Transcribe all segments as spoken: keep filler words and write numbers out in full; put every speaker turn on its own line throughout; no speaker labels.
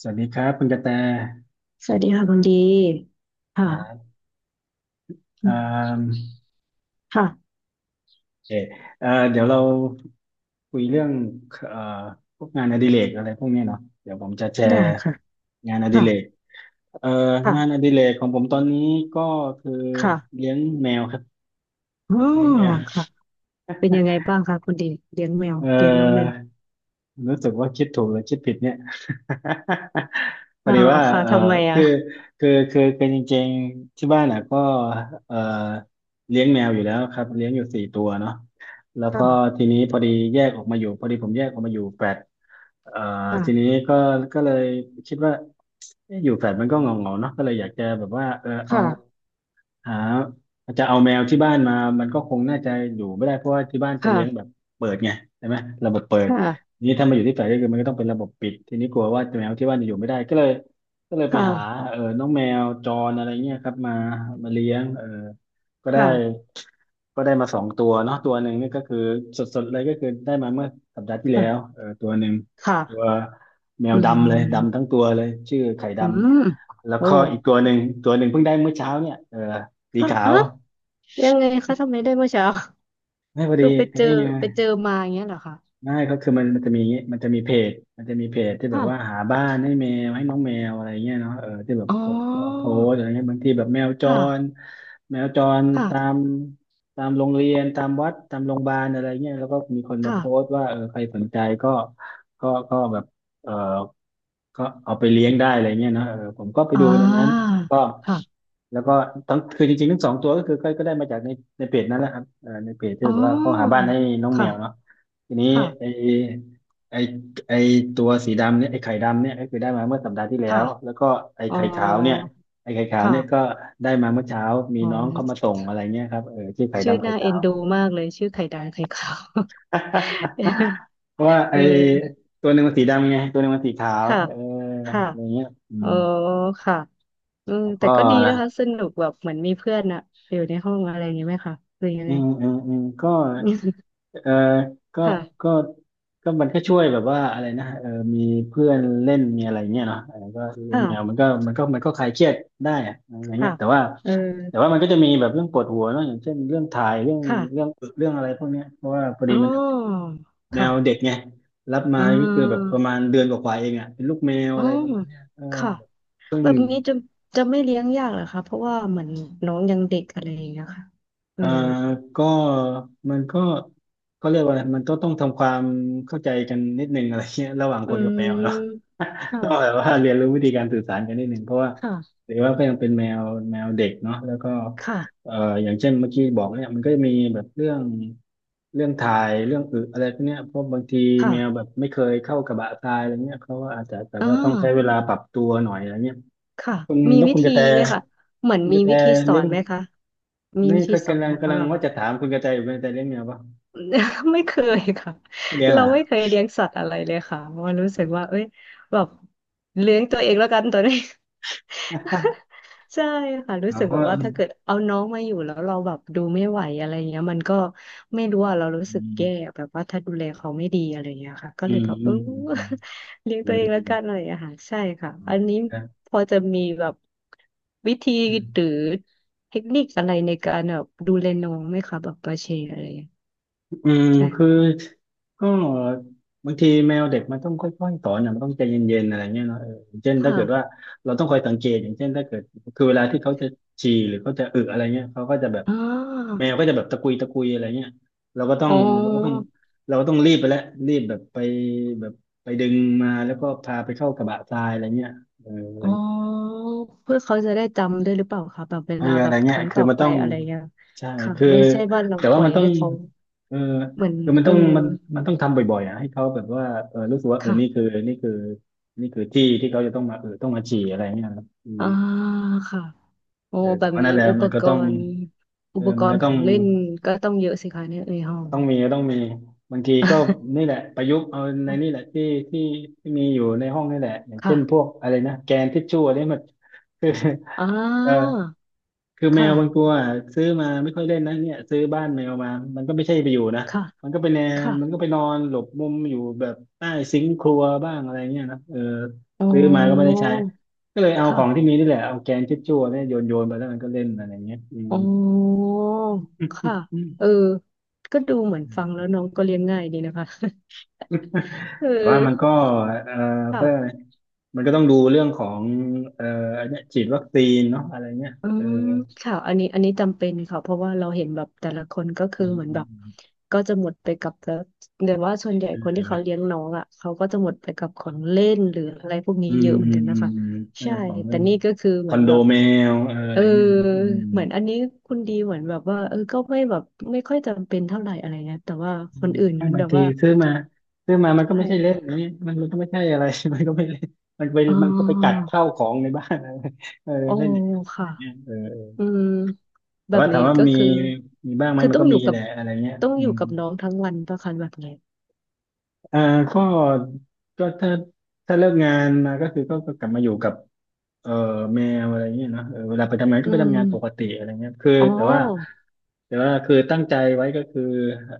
สวัสดีครับคุณกระแต
สวัสดีค่ะคุณดี
ครั
ค่ะ
บ
อื
เอ่า
มค่ะ
เออเอ่อเดี๋ยวเราคุยเรื่องเอ่อพวกงานอดิเรกอะไรพวกเนี้ยเนาะเดี๋ยวผมจะแช
ได้
ร์
ค่ะ
งานอดิเรก
ค่ะ
เอ่อ
ค่ะ
งานอดิเรกของผมตอนนี้ก็คือ
ค่ะ
เลี้ยงแมวครับ
อ๋อ
เลี้ยงแมว
ค่ะเป็นยังไงบ้างคะคุณดีเลี้ยงแมว
เอ่
เลี้ยงน้องแมว
อ รู้สึกว่าคิดถูกหรือคิดผิดเนี่ย พอ
อ๋อ
ดีว่า
ค่ะ
เออ
ทำไมอ่ะ
คือคือคือคือจริงๆที่บ้านอ่ะก็เออเลี้ยงแมวอยู่แล้วครับ เลี้ยงอยู่สี่ตัวเนาะแล้วก็
ค่ะ
ทีนี้พอดีแยกออกมาอยู่พอดีผมแยกออกมาอยู่แฟลตเอ่อ
ค่ะ
ทีนี้ก็ก็เลยคิดว่าเอ๊ะอยู่แฟลตมันก็เหงาๆเนาะก็เลยอยากจะแบบว่าเออเอา
ค่ะ
หาจะเอาแมวที่บ้านมามันก็คงน่าจะอยู่ไม่ได้เพราะว่าที่บ้านจะเลี้ยงแบบ
ค่ะ
เปิดไงใช่ไหมระบบเปิด
ค่ะ
ทีนี้ถ้ามาอยู่ที่แฟลตก็คือมันก็ต้องเป็นระบบปิดทีนี้กลัวว่าแมวที่บ้านจะอยู่ไม่ได้ก็เลยก็เลยไป
ค่ะ
หาเออน้องแมวจรอะไรเงี้ยครับมามาเลี้ยงเออก็ได้
ค่ะ
ก็ได้มาสองตัวเนาะตัวหนึ่งนี่ก็คือสดๆเลยก็คือได้มาเมื่อสัปดาห์ที่แล้ว
ค่ะ
เออตัวหนึ่งตัว
ค่ะ
แมว
อื
ดำเลยดำทั้ง
ม
ตัวเลยชื่อไข่ด
อืม
ำแล้ว
โอ้
ก็อีกตัวหนึ่งตัวหนึ่งเพิ่งได้เมื่อเช้าเนี่ยเออสี
ค่ะ
ขา
อ่ะ
ว
ยังไงคะทำไมได้เมื่อเช้า
ไม่พอ
คือ
ดี
ไป
ไอ้
เจ
นี่
อ
ไง
ไปเจอมาอย่างเงี้ยเหรอคะ
ไม่ก็คือมันมันจะมีมันจะมีเพจมันจะมีเพจที่แบบว่า
ค่ะ
หาบ้านให้แมวให้น้องแมวอะไรเงี้ยเนาะเออที่แบบ
อ๋อ
คนก็มาโพสต์อะไรเงี้ยบางทีแบบแมวจ
ค่ะ
รแมวจรตาม
ค่ะ
ตามโรงเรียนตามวัดตามโรงพยาบาลอะไรเงี้ยแล้วก็มีคนมา
ค่ะ
โพสต์ว่าเออใครสนใจก็ก็ก็แบบเออ ก็เอาไปเลี้ยงได้อะไรเงี้ยนะเออผมก็ไป
อ่
ดูในนั้น
า
ก็
ค่ะ
แล้วก็ทั้งคือจริงๆทั้งสองตัวก็คือก็ก็ได้มาจากในในเพจนั่นแหละครับเออในเพจที่
อ๋
แบ
อ
อกว่าเขาหาบ้านให้น้องแม
ค่ะ
วเนาะทีนี้
ค่ะ
ไอไอไอตัวสีดำเนี่ยไอไข่ดำเนี่ยก็คือได้มาเมื่อสัปดาห์ที่แล้
ค่ะ
วแล้วก็ไอ
อ๋อ
ไข่ขาวเนี่ยไอไข่ขาวเนี่ยก็
ค่ะ
ได้มาเมื่อเช้ามี
อ๋อ
น้องเข้ามาส่งอะไรเงี้ยครับเออชื่อไข่
ชื่อ
ดำไข่
น่า
ขา
เอ็น
ว
ดูมากเลยชื่อไข่ดำไข่ขาว
เพราะว่าไอ
เออ
ตัวหนึ่งมันสีดำไงตัวหนึ่งมันสีขาว
ค่ะ
เออ
ค่ะ
อะไรเงี้ยอื
อ๋อ
ม
ค่ะเออ
แล้ว
แต่
ก็
ก็ดี
นะ
นะคะสนุกแบบเหมือนมีเพื่อนอะอยู่ในห้องอะไรอย่างเงี้ยไหมคะหรือยัง
อื
ไง
มอืมอืมก็ เออก็
ค่ะ
ก็ก็มันก็ช่วยแบบว่าอะไรนะเออมีเพื่อนเล่นมีอะไรเงี้ยเนาะเออก็เลี้ยง
ค่ะ
แมวมันก็มันก็มันก็คลายเครียดได้อะอะไรเงี้
ค่ะ
ยแต่ว่า
เออ
แต่ว่ามันก็จะมีแบบเรื่องปวดหัวเนาะอย่างเช่นเรื่องถ่ายเรื่องเรื่อ
ค่ะ
งเรื่องอะไรพวกเนี้ยเพราะว่าพอ
อ๋
ดี
อ
มันเป็นแม
ค่ะ
วเด็กไงรับมา
อ๋อ
ก็คือแบบประมาณเดือนกว่าๆเองอ่ะเป็นลูกแมว
อ๋อ
อะไรประมาณเนี้ยเออ
ค่ะ
เพิ่ง
แบบนี้จะจะไม่เลี้ยงยากเหรอคะเพราะว่าเหมือนน้องยังเด็กอะไรอย่างเงี้ยค่ะเออ
อ่าก็มันก็ก็เรียกว่าอะไรมันก็ต้องทำความเข้าใจกันนิดนึงอะไรเงี้ยระหว่าง
อื
คนกับแมวเนาะ
ม
ต้องแบบ
ค่ะ
ว่าเรียนรู้วิธีการสื่อสารกันนิดนึงเพราะว่า
ค่ะ
หรือว่าก็ยังเป็นแมวแมวเด็กเนาะแล้วก็
ค่ะ
เอ่ออย่างเช่นเมื่อกี้บอกเนี่ยมันก็จะมีแบบเรื่องเรื่องถ่ายเรื่องอึอะไรพวกเนี้ยเพราะบางทีแมว
ค่ะ
แบบไม่เคยเข้ากระบะทรายอะไรเงี้ยเขาก็อาจจะแบบ
อ่า
ว่าต้องใช้เวลาปรับตัวหน่อยอะไรเงี้ย
ค่ะ
คุณ
มี
แล้ว
วิ
คุณก
ธี
ระแต
ไหมคะเหมือน
คุณก
มี
ระแต
วิธีสอ
เลี้ย
น
ง
ไหมคะมีวิ
นี่
ธี
ก็
สอน
กำลั
ไห
ง
มคะ
กำลัง
แบบ
ว่า
ว่า
จะถามคุณกระแตอยู่คุณแตเลี้ยงแมวปะ
ไม่เคยค่ะ
ไม่เลี้ยง
เรา
อ่ะ
ไม่เคยเลี้ยงสัตว์อะไรเลยค่ะเพราะว่ารู้สึกว่าเอ้ยแบบเลี้ยงตัวเองแล้วกันตอนนี้ ใช่ค่ะรู้
เรา
สึกแบ
ก็
บ
อ
ว่าถ้าเกิดเอาน้องมาอยู่แล้วเราแบบดูไม่ไหวอะไรเงี้ยมันก็ไม่รู้อะเรารู้
ื
สึกแย่
ม
แบบว่าถ้าดูแลเขาไม่ดีอะไรเงี้ยค่ะก็
อื
เลย
ม
แบบ
อื
เออ
มอืม
เลี้ยง
อื
ตัวเองแล้ว
ม
กันอะไร
อ
อ่างค่ะใช่ค่ะ
ืม
อันนี้
ครับ
พอจะมีแบบวิธี
ื
หรือเทคนิคอะไรในการแบบดูแลน้องไหมคะแบบปาเชอะไรอย่างเงี้
อืมคือ
ย
ก็บางทีแมวเด็กมันต้องค่อยๆสอนนะมันต้องใจเย็นๆอะไรเงี้ยเนาะเอออย่างเช่นถ้า
ค่ะ
เกิดว่าเราต้องคอยสังเกตอย่างเช่นถ้าเกิดคือเวลาที่เขาจะฉี่หรือเขาจะอึอะไรเงี้ยเขาก็จะแบบ
อ่า
แมวก็จะแบบตะกุยตะกุยอะไรเงี้ยเราก็ต้อ
อ๋
ง
อ
เราก็ต้องเราก็ต้องรีบไปแล้วรีบแบบไปแบบไปดึงมาแล้วก็พาไปเข้ากระบะทรายอะไรเงี้ยเอออะไร
อ๋อ
เงี้ย
เพื่อเขาจะได้จำด้วยหรือเปล่าคะแบบเว
เออ
ลา
อะ
แบ
ไร
บค
เงี้ย
รั้ง
คื
ต่
อ
อ
มัน
ไป
ต้อง
อะไรเงี้ย
ใช่
ค่ะ
คือ
ไม่ใช่ว่าเรา
แต่
ป
ว่า
ล่อ
มั
ย
นต้อง
ให้เขา
เออ
เหมือน
คือมัน
เอ
ต้
อ
องมันมันต้องทำบ่อยๆอ่ะให้เขาแบบว่าเออรู้สึกว่าเออ
ค่ะ
นี่คือนี่คือนี่คือที่ที่เขาจะต้องมาเออต้องมาฉี่อะไรเงี้ยครับอืม
อ่าค่ะโอ้
เออ
แบ
แต่
บ
ว่า
นี้
นั่นแหละ
อุป
มันก็
ก
ต้อง
รณ์อุ
เออ
ปก
มัน
ร
ก็
ณ์ข
ต้อ
อ
ง
งเล่นก็ต้องเยอะสิคะเนี่ยในห้อง
ต้องมีต้องมีบางทีก็นี่แหละประยุกต์เอาในนี่แหละที่ที่ที่มีอยู่ในห้องนี่แหละอย่าง เช่
ค่ะ
นพวกอะไรนะแกนทิชชู่อันนี้มัน คือ
อ่
เออ
า
คือแมวบาง
ค่ะ
ตัวอะซื้อมาไม่ค่อยเล่นนะเนี่ยซื้อบ้านแมวมามันก็ไม่ใช่ไปอยู่นะ
ค่ะ
มันก็ไปแนน
ค่ะ
มันก็ไปนอนหลบมุมอยู่แบบใต้ซิงค์ครัวบ้างอะไรเงี้ยนะเออ
อ๋
ซื้อมาก็ไม่ได้
อ
ใช้ก็เลยเอาของที่
ค่ะ
มีนี่แหละเอาแกนทิชชู่เนี่ยโยนโยนไปแล้วมันก็เล่นอะไรเงี้ยอืม
อ๋อค่ะเอ
อื
อก็ดูเหมือนฟังแล้
ม
วน้องก็เลี้ยงง่ายดีนะคะ เออ
แต่ว่ามันก็เอ่อเขาเรียกอะ
ค่ะ
ไรมันก็ต้องดูเรื่องของเอ่ออันเนี้ยฉีดวัคซีนเนาะอะไรเนี้ย
อื
เออ
มค่ะอันนี้อันนี้จำเป็นค่ะเพราะว่าเราเห็นแบบแต่ละคนก็คื
อื
อเหมือนแบบ
ม
ก็จะหมดไปกับแล้วเดี๋ยวว่าส่วนใหญ่
อื
คนที่
ม
เขาเลี้ยงน้องอ่ะเขาก็จะหมดไปกับของเล่นหรืออะไรพวกนี้
อื
เย
ม
อะเหมื
เอ
อ
ออื
น
ม
กัน
อื
นะ
ม
คะ
อืมอืมใช่
ใช่
ของเรื่
แต่
อง
นี่ก็คือ
ค
เหมื
อ
อน
นโด
แบบ
แมวเอออะ
เอ
ไร
อ
เงี้ยเนาะอืม
เหมือนอันนี้คุณดีเหมือนแบบว่าเออก็ไม่แบบไม่ค่อยจำเป็นเท่าไหร่อะไรเงี้ยแต่ว่า
อื
คน
ม
อื่น
ไม่
นั้น
บา
แบ
ง
บ
ที
ว่า
ซื้อมาซื้อมามันก็
ใช่
ไม่ใช่เล่นนี่มันมันก็ไม่ใช่อะไร มันก็ไม่เล่นมันไป
อ๋
มันก็ไปกัด
อ
เข้าวของในบ้าน อะไรเออ
อ๋อ
เล่นอย่าง
ค่ะ
เงี้ยเออ
อืม
แต่
แบบ
ว่าถา
นี้
มว่า
ก็
มี
คือ
มีบ้างไหม
คือ
มัน
ต้อ
ก็
งอ
มี
ยู่กั
แห
บ
ละอะไรเงี้ย
ต้อง
อื
อยู่
ม
กับน้องทั้งวันประคันแบบนี้
อ่าก็ก็ถ้าถ้าเลิกงานมาก็คือก็ก็กลับมาอยู่กับเอ่อแมวอะไรเงี้ยเนาะเออเวลาไปทำงานก็
อื
ไปทำ
ม
งานปกติอะไรเงี้ยคือ
อ๋อ
แต่ว่าแต่ว่าคือตั้งใจไว้ก็คือ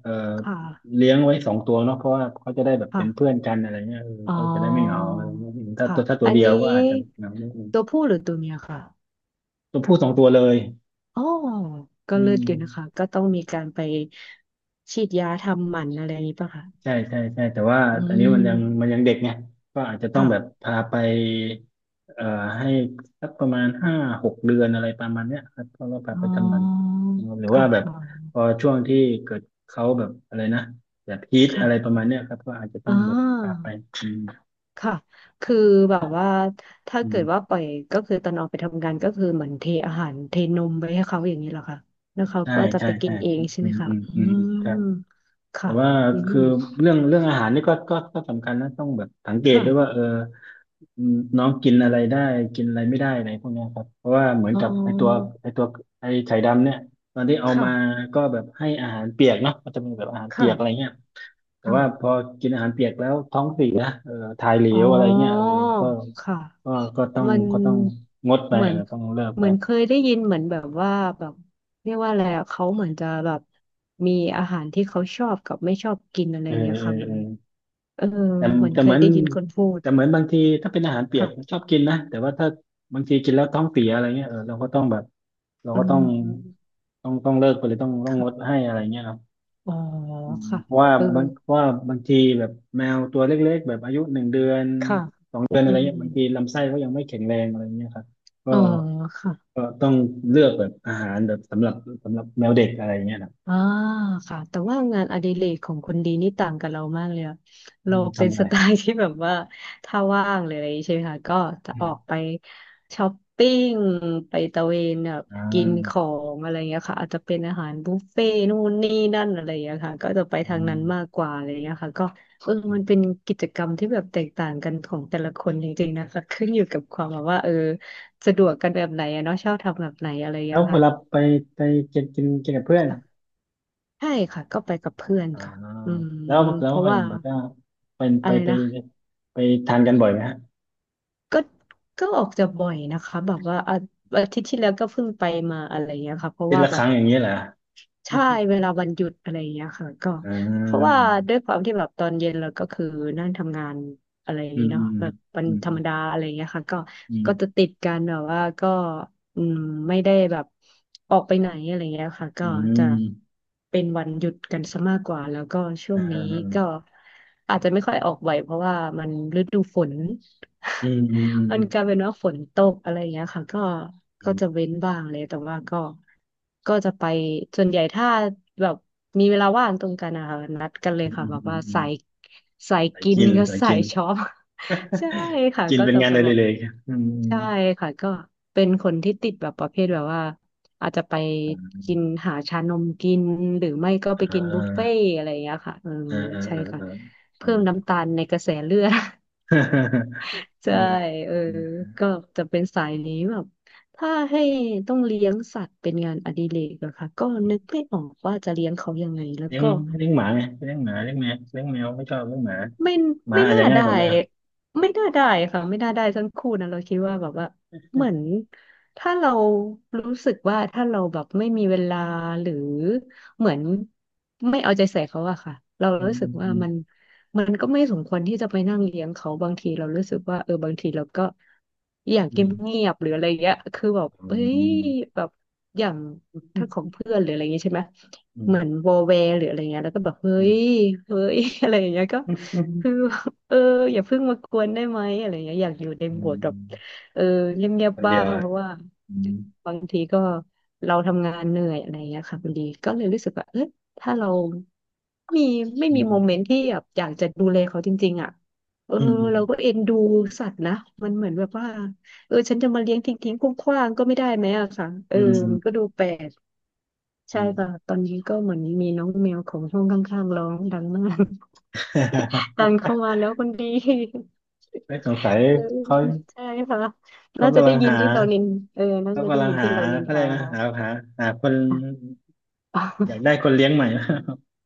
เอ่อ
ค่ะ
เลี้ยงไว้สองตัวเนาะเพราะว่าเขาจะได้แบบเป็
ค่ะ
นเพื่อนกันอะไรเงี้ยเออ
อ๋อ
ก็จะได้ไม่เหงาอะไรเงี้ยถ้า
ค่ะ
ตัวถ้าตั
อั
ว
น
เดียว
นี้
ก็อาจจะเหงาไม่
ตัวผู้หรือตัวเมียค่ะ
ตัวผู้สองตัวเลย
อ๋อก็
อื
เลือด
ม
อยู่นะคะก็ต้องมีการไปฉีดยาทำหมันอะไรอย่างนี้ป่ะคะ
ใช่ใช่ใช่แต่ว่า
อื
อันนี้มันยัง
ม
มันยังเด็กไงก็อาจจะต้อง
ค่ะ
แบบพาไปเอ่อให้สักประมาณห้าหกเดือนอะไรประมาณเนี้ยครับก็ก็พา
อ๋
ไป
อ
ทำหมันนะครับหรือว่า
ค่ะ
แบบ
อ๋อ
พอช่วงที่เกิดเขาแบบอะไรนะแบบฮีทอะไรประ
ค่ะ
มาณเนี้ยครับก็อาจจะต้
อ๋
องแบบพา
อ
ไปอืม
ค่ะ คือแบบว่าถ้า
อื
เกิดว่า
ม
ปล่อยก็คือตอนออกไปทำงานก็คือเหมือนเทอาหารเทนมไปให้เขาอย่างนี้เหรอคะแล้วเขา
ใช่
ก็จะ
ใช่
ไปกิ
ใช่
นเองใช่
อื
ไหม
ม
คะ
อืม
อื
อืมอืมครับ
ม
แต่
ค่ะ
ว่า
อืม
คือเรื่องเรื่องอาหารนี่ก็ก็ก็สำคัญนะต้องแบบสังเกต
ค่ะ
ด้วยว่าเออ อืมน้องกินอะไรได้กินอะไรไม่ได้อะไรพวกเนี้ยครับเพราะว่าเหมือน
อ๋
กับไอตัว
อ
ไอตัวไอไข่ดำเนี่ยตอนที่เอามา
ค่ะ
ก็แบบให้อาหารเปียกเนาะมันจะมีแบบอาหารเปียกอะไร
ค่ะ
เงี้ยแต่ว่าพ
ค่ะ
อกินอาหารเปียกแล้วท้องเสียเออถ่ายเหล
อ๋อ
วอะไรเงี้ยเออก็
ค่ะ
ก็ก็ต้อง
มัน
ก็ต้องงดไป
เหมื
เอ
อ
อ
น
ต้องเลิก
เห
ไป
มือนเคยได้ยินเหมือนแบบว่าแบบเรียกว่าอะไรอะเขาเหมือนจะแบบมีอาหารที่เขาชอบกับไม่ชอบกินอะไร
เอ
อ
อ
ย่างเงี้
เอ
ย
อ
ค่ะมั
เอ
น
อ
เออ
แต่
เหมือน
แต่
เค
เห
ย
มือน
ได้ยินคนพูด
แต่เหมือนบางทีถ้าเป็นอาหารเปียก
ค่ะ
ชอบกินนะแต่ว่าถ้าบางทีกินแล้วท้องเสียอะไรเงี้ยเออเราก็ต้องแบบเรา
อื
ก็ต้อง
ม
ต้องต้องเลิกไปเลยต้องต้องงด
ค่ะ
ให้อะไรเงี้ยเนาะ
อ๋อ
อืม
ค่ะ
เพราะว่า
เออ
บางเพราะว่าบางทีแบบแมวตัวเล็กๆแบบอายุหนึ่งเดือน
ค่ะ
สองเดือนอะ
อื
ไร
ม
เงี้ยบางทีลำไส้เขายังไม่แข็งแรงอะไรเงี้ยครับก็
อ๋อค่ะ
ก็ต้องเลือกแบบอาหารแบบสำหรับสำหรับแมวเด็กอะไรเงี้ยนะ
อ่าค่ะแต่ว่างานอดิเรกของคนดีนี่ต่างกับเรามากเลยอะ
อื
เรา
ม
เป็
ทำ
น
อะไร
สไตล์ที่แบบว่าถ้าว่างเลยอะไรอย่างงี้ใช่ไหมคะก็จะ
อื
ออก
ม
ไปช้อปปิ้งไปตะเวนแบบ
อ่
กินขอ
า
งอะไรอย่างเงี้ยค่ะอาจจะเป็นอาหารบุฟเฟ่ต์นู่นนี่นั่นอะไรอย่างเงี้ยค่ะก็จะไป
อื
ทางนั้นมาก
ม
กว่าอะไรอย่างเงี้ยค่ะก็เออ
อื
มันเป็น
ม
กิจกรรมที่แบบแตกต่างกันของแต่ละคนจริงๆนะคะขึ้นอยู่กับความแบบว่าเออสะดวกกันแบบไหนอะเนาะชอบทำแบบไหนอะไรอย่าง
แล้
เงี้ย
วเว
ค่
ลาไปไปกินกินกินกับเพื่อนอะ
ะ ใช่ค่ะก็ไปกับเพื่อน
อ่า
ค่ะอืม
แล้วแล้
เพ
ว
ราะ
เห็
ว่า
นบอกว่าไปไป
อะไร
ไป
นะ
ไปทานกันบ่อยไหมฮะ
ก็ก็ออกจะบ่อยนะคะแบบว่าอาอาทิตย์ที่แล้วก็เพิ่งไปมาอะไรเงี้ยค่ะเพ
อา
ราะ
ที
ว่า
ละ
แบ
ค
บ
รั้งอย่างเงี้ยเหรอ
ใช่เวลาวันหยุดอะไรอย่างเงี้ยค่ะก็
อ่
เพราะว่า
า
ด้วยความที่แบบตอนเย็นเราก็คือนั่งทำงานอะไรอย่าง
อื
นี้
มอื
เนาะ
ม
แบ
อื
บวัน
ม
ธร
อื
รม
ม
ดาอะไรอย่างเงี้ยค่ะก็
อื
ก็จะ
ม
ติดกันแบบว่าก็อืมไม่ได้แบบออกไปไหนอะไรเงี้ยค่ะก็
อื
จะ
ม
เป็นวันหยุดกันซะมากกว่าแล้วก็ช่ว
อ่
งนี้ก็
า
อาจจะไม่ค่อยออกบ่อยเพราะว่ามันฤดูฝน
อืมอืมอืม
มันกลายเป็นว่าฝนตกอะไรอย่างเงี้ยค่ะก็ก็จะเว้นบ้างเลยแต่ว่าก็ก็จะไปส่วนใหญ่ถ้าแบบมีเวลาว่างตรงกันนะคะนัดกันเล
อื
ย
ม
ค่ะ
อืม
แบบ
อืม
ว่า
อืม
สายสาย
สาย
กิน
กิน
กับ
สาย
สา
กิ
ย
น
ช็อป ใช่ค่ะ
กิน
ก็
เป็น
จะ
งาน
ไป
อ
แบ
ดิ
บ
เรกอืม
ใช่ค่ะก็เป็นคนที่ติดแบบประเภทแบบว่าอาจจะไป
อื
กิน
ม
หาชานมกินหรือไม่ก็
อ่
ไปกินบุฟเฟ่
า
ต์อะไรอย่างเงี้ยค่ะเออ
อ่าอ่า
ใช่
อ่า
ค่ะ
อ่าอื
เพิ่
ม
มน้ำตาลในเลือด ใช่
เออ
เออก็จะเป็นสายนี้แบบถ้าให้ต้องเลี้ยงสัตว์เป็นงานอดิเรกเหรอคะก็นึกไม่ออกว่าจะเลี้ยงเขายังไงแล้ว
เลี้ยง
ก็
เลี้ยงหมาไงเลี้ยงหมาเลี้ยงแมวเลี้ยงแมวไม่ชอบเลี้ยงหมา
ไม่
หมา
ไม่
อาจ
น่า
จะง่าย
ได้
กว่าแมว
ไม่น่าได้ค่ะไม่น่าได้ทั้งคู่นะเราคิดว่าแบบว่าเหมือนถ้าเรารู้สึกว่าถ้าเราแบบไม่มีเวลาหรือเหมือนไม่เอาใจใส่เขาอะค่ะเรา
อืม
รู้สึกว่า
อืม
มันมันก็ไม่สมควรที่จะไปนั่งเลี้ยงเขาบางทีเรารู้สึกว่าเออบางทีเราก็อยาก
อื
เงี
ม
ยบๆหรืออะไรเงี้ยคือแบบเฮ้ยแบบอย่างถ้าของเพื่อนหรืออะไรเงงี้ยใช่ไหม
อืมอื
เหมือน
ม
วอลแวร์หรืออะไรเงี้ยแล้วก็แบบเฮ้
อื
ย
ม
เฮ้ย อะไรอย่างเงี้ยก็
อื
คือ
ม
เอออย่าเพิ่งมากวนได้ไหมอะไรเงี้ยอยากอยู่ใน
อื
โหม
ม
ดแบ
อื
บ
ม
เออเงียบ
คน
ๆบ้า
เดียว
ง
อ่ะ
เพราะว่า
อืม
บางทีก็เราทำงานเหนื่อยอะไรเงี้ยค่ะพอดีก็เลยรู้สึกว่าเออถ้าเรามีไม่
อื
มีโมเมน
ม
ต์ที่แบบอยากจะดูแลเขาจริงๆอ่ะเออ
อืม
เราก็เอ็นดูสัตว์นะมันเหมือนแบบว่าเออฉันจะมาเลี้ยงทิ้งๆคว้างๆก็ไม่ได้ไหมอะค่ะเออ
อืม
มันก็ดูแปลก
อื
ใช่
ม
ค่ะตอนนี้ก็เหมือนมีน้องแมวของห้องข้างๆร้องดังมาก ดังเข้า มาแล้วคนดี
ไม่สงสัย
เออ
เขา
ใช่ค่ะ
เขา
น่าจะ
กำลั
ได้
ง
ยิน
หา
ที่เรานินเออน่า
เขา
จะได้
กำลัง
ยิน
หา
ที่เรานิน
เขาเล
ทา
ยกนะหาหาหาคน
อ่ะ
อยากได้ คนเลี้ยงใหม่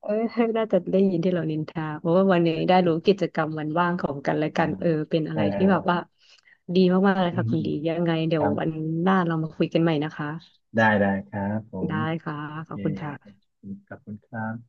เออน่าจะได้ยินที่เรานินทาเพราะว่าวันนี้ได้รู้กิจกรรมวันว่างของกันและ
อ่า
กันเออเป็นอะ
เอ
ไร
อเอ
ที่แบบ
อ
ว่าดีมากๆเลย
อื
ค่ะ
ม
คุณ
อื
ดี
ม
ยังไงเดี๋
ค
ยว
รับ
วันหน้าเรามาคุยกันใหม่นะคะ
ได้ได้ครับผม
ได้ค่ะ
โอ
ข
เค
อบคุณ
ข
ค่ะ
อบคุณขอบคุณครับ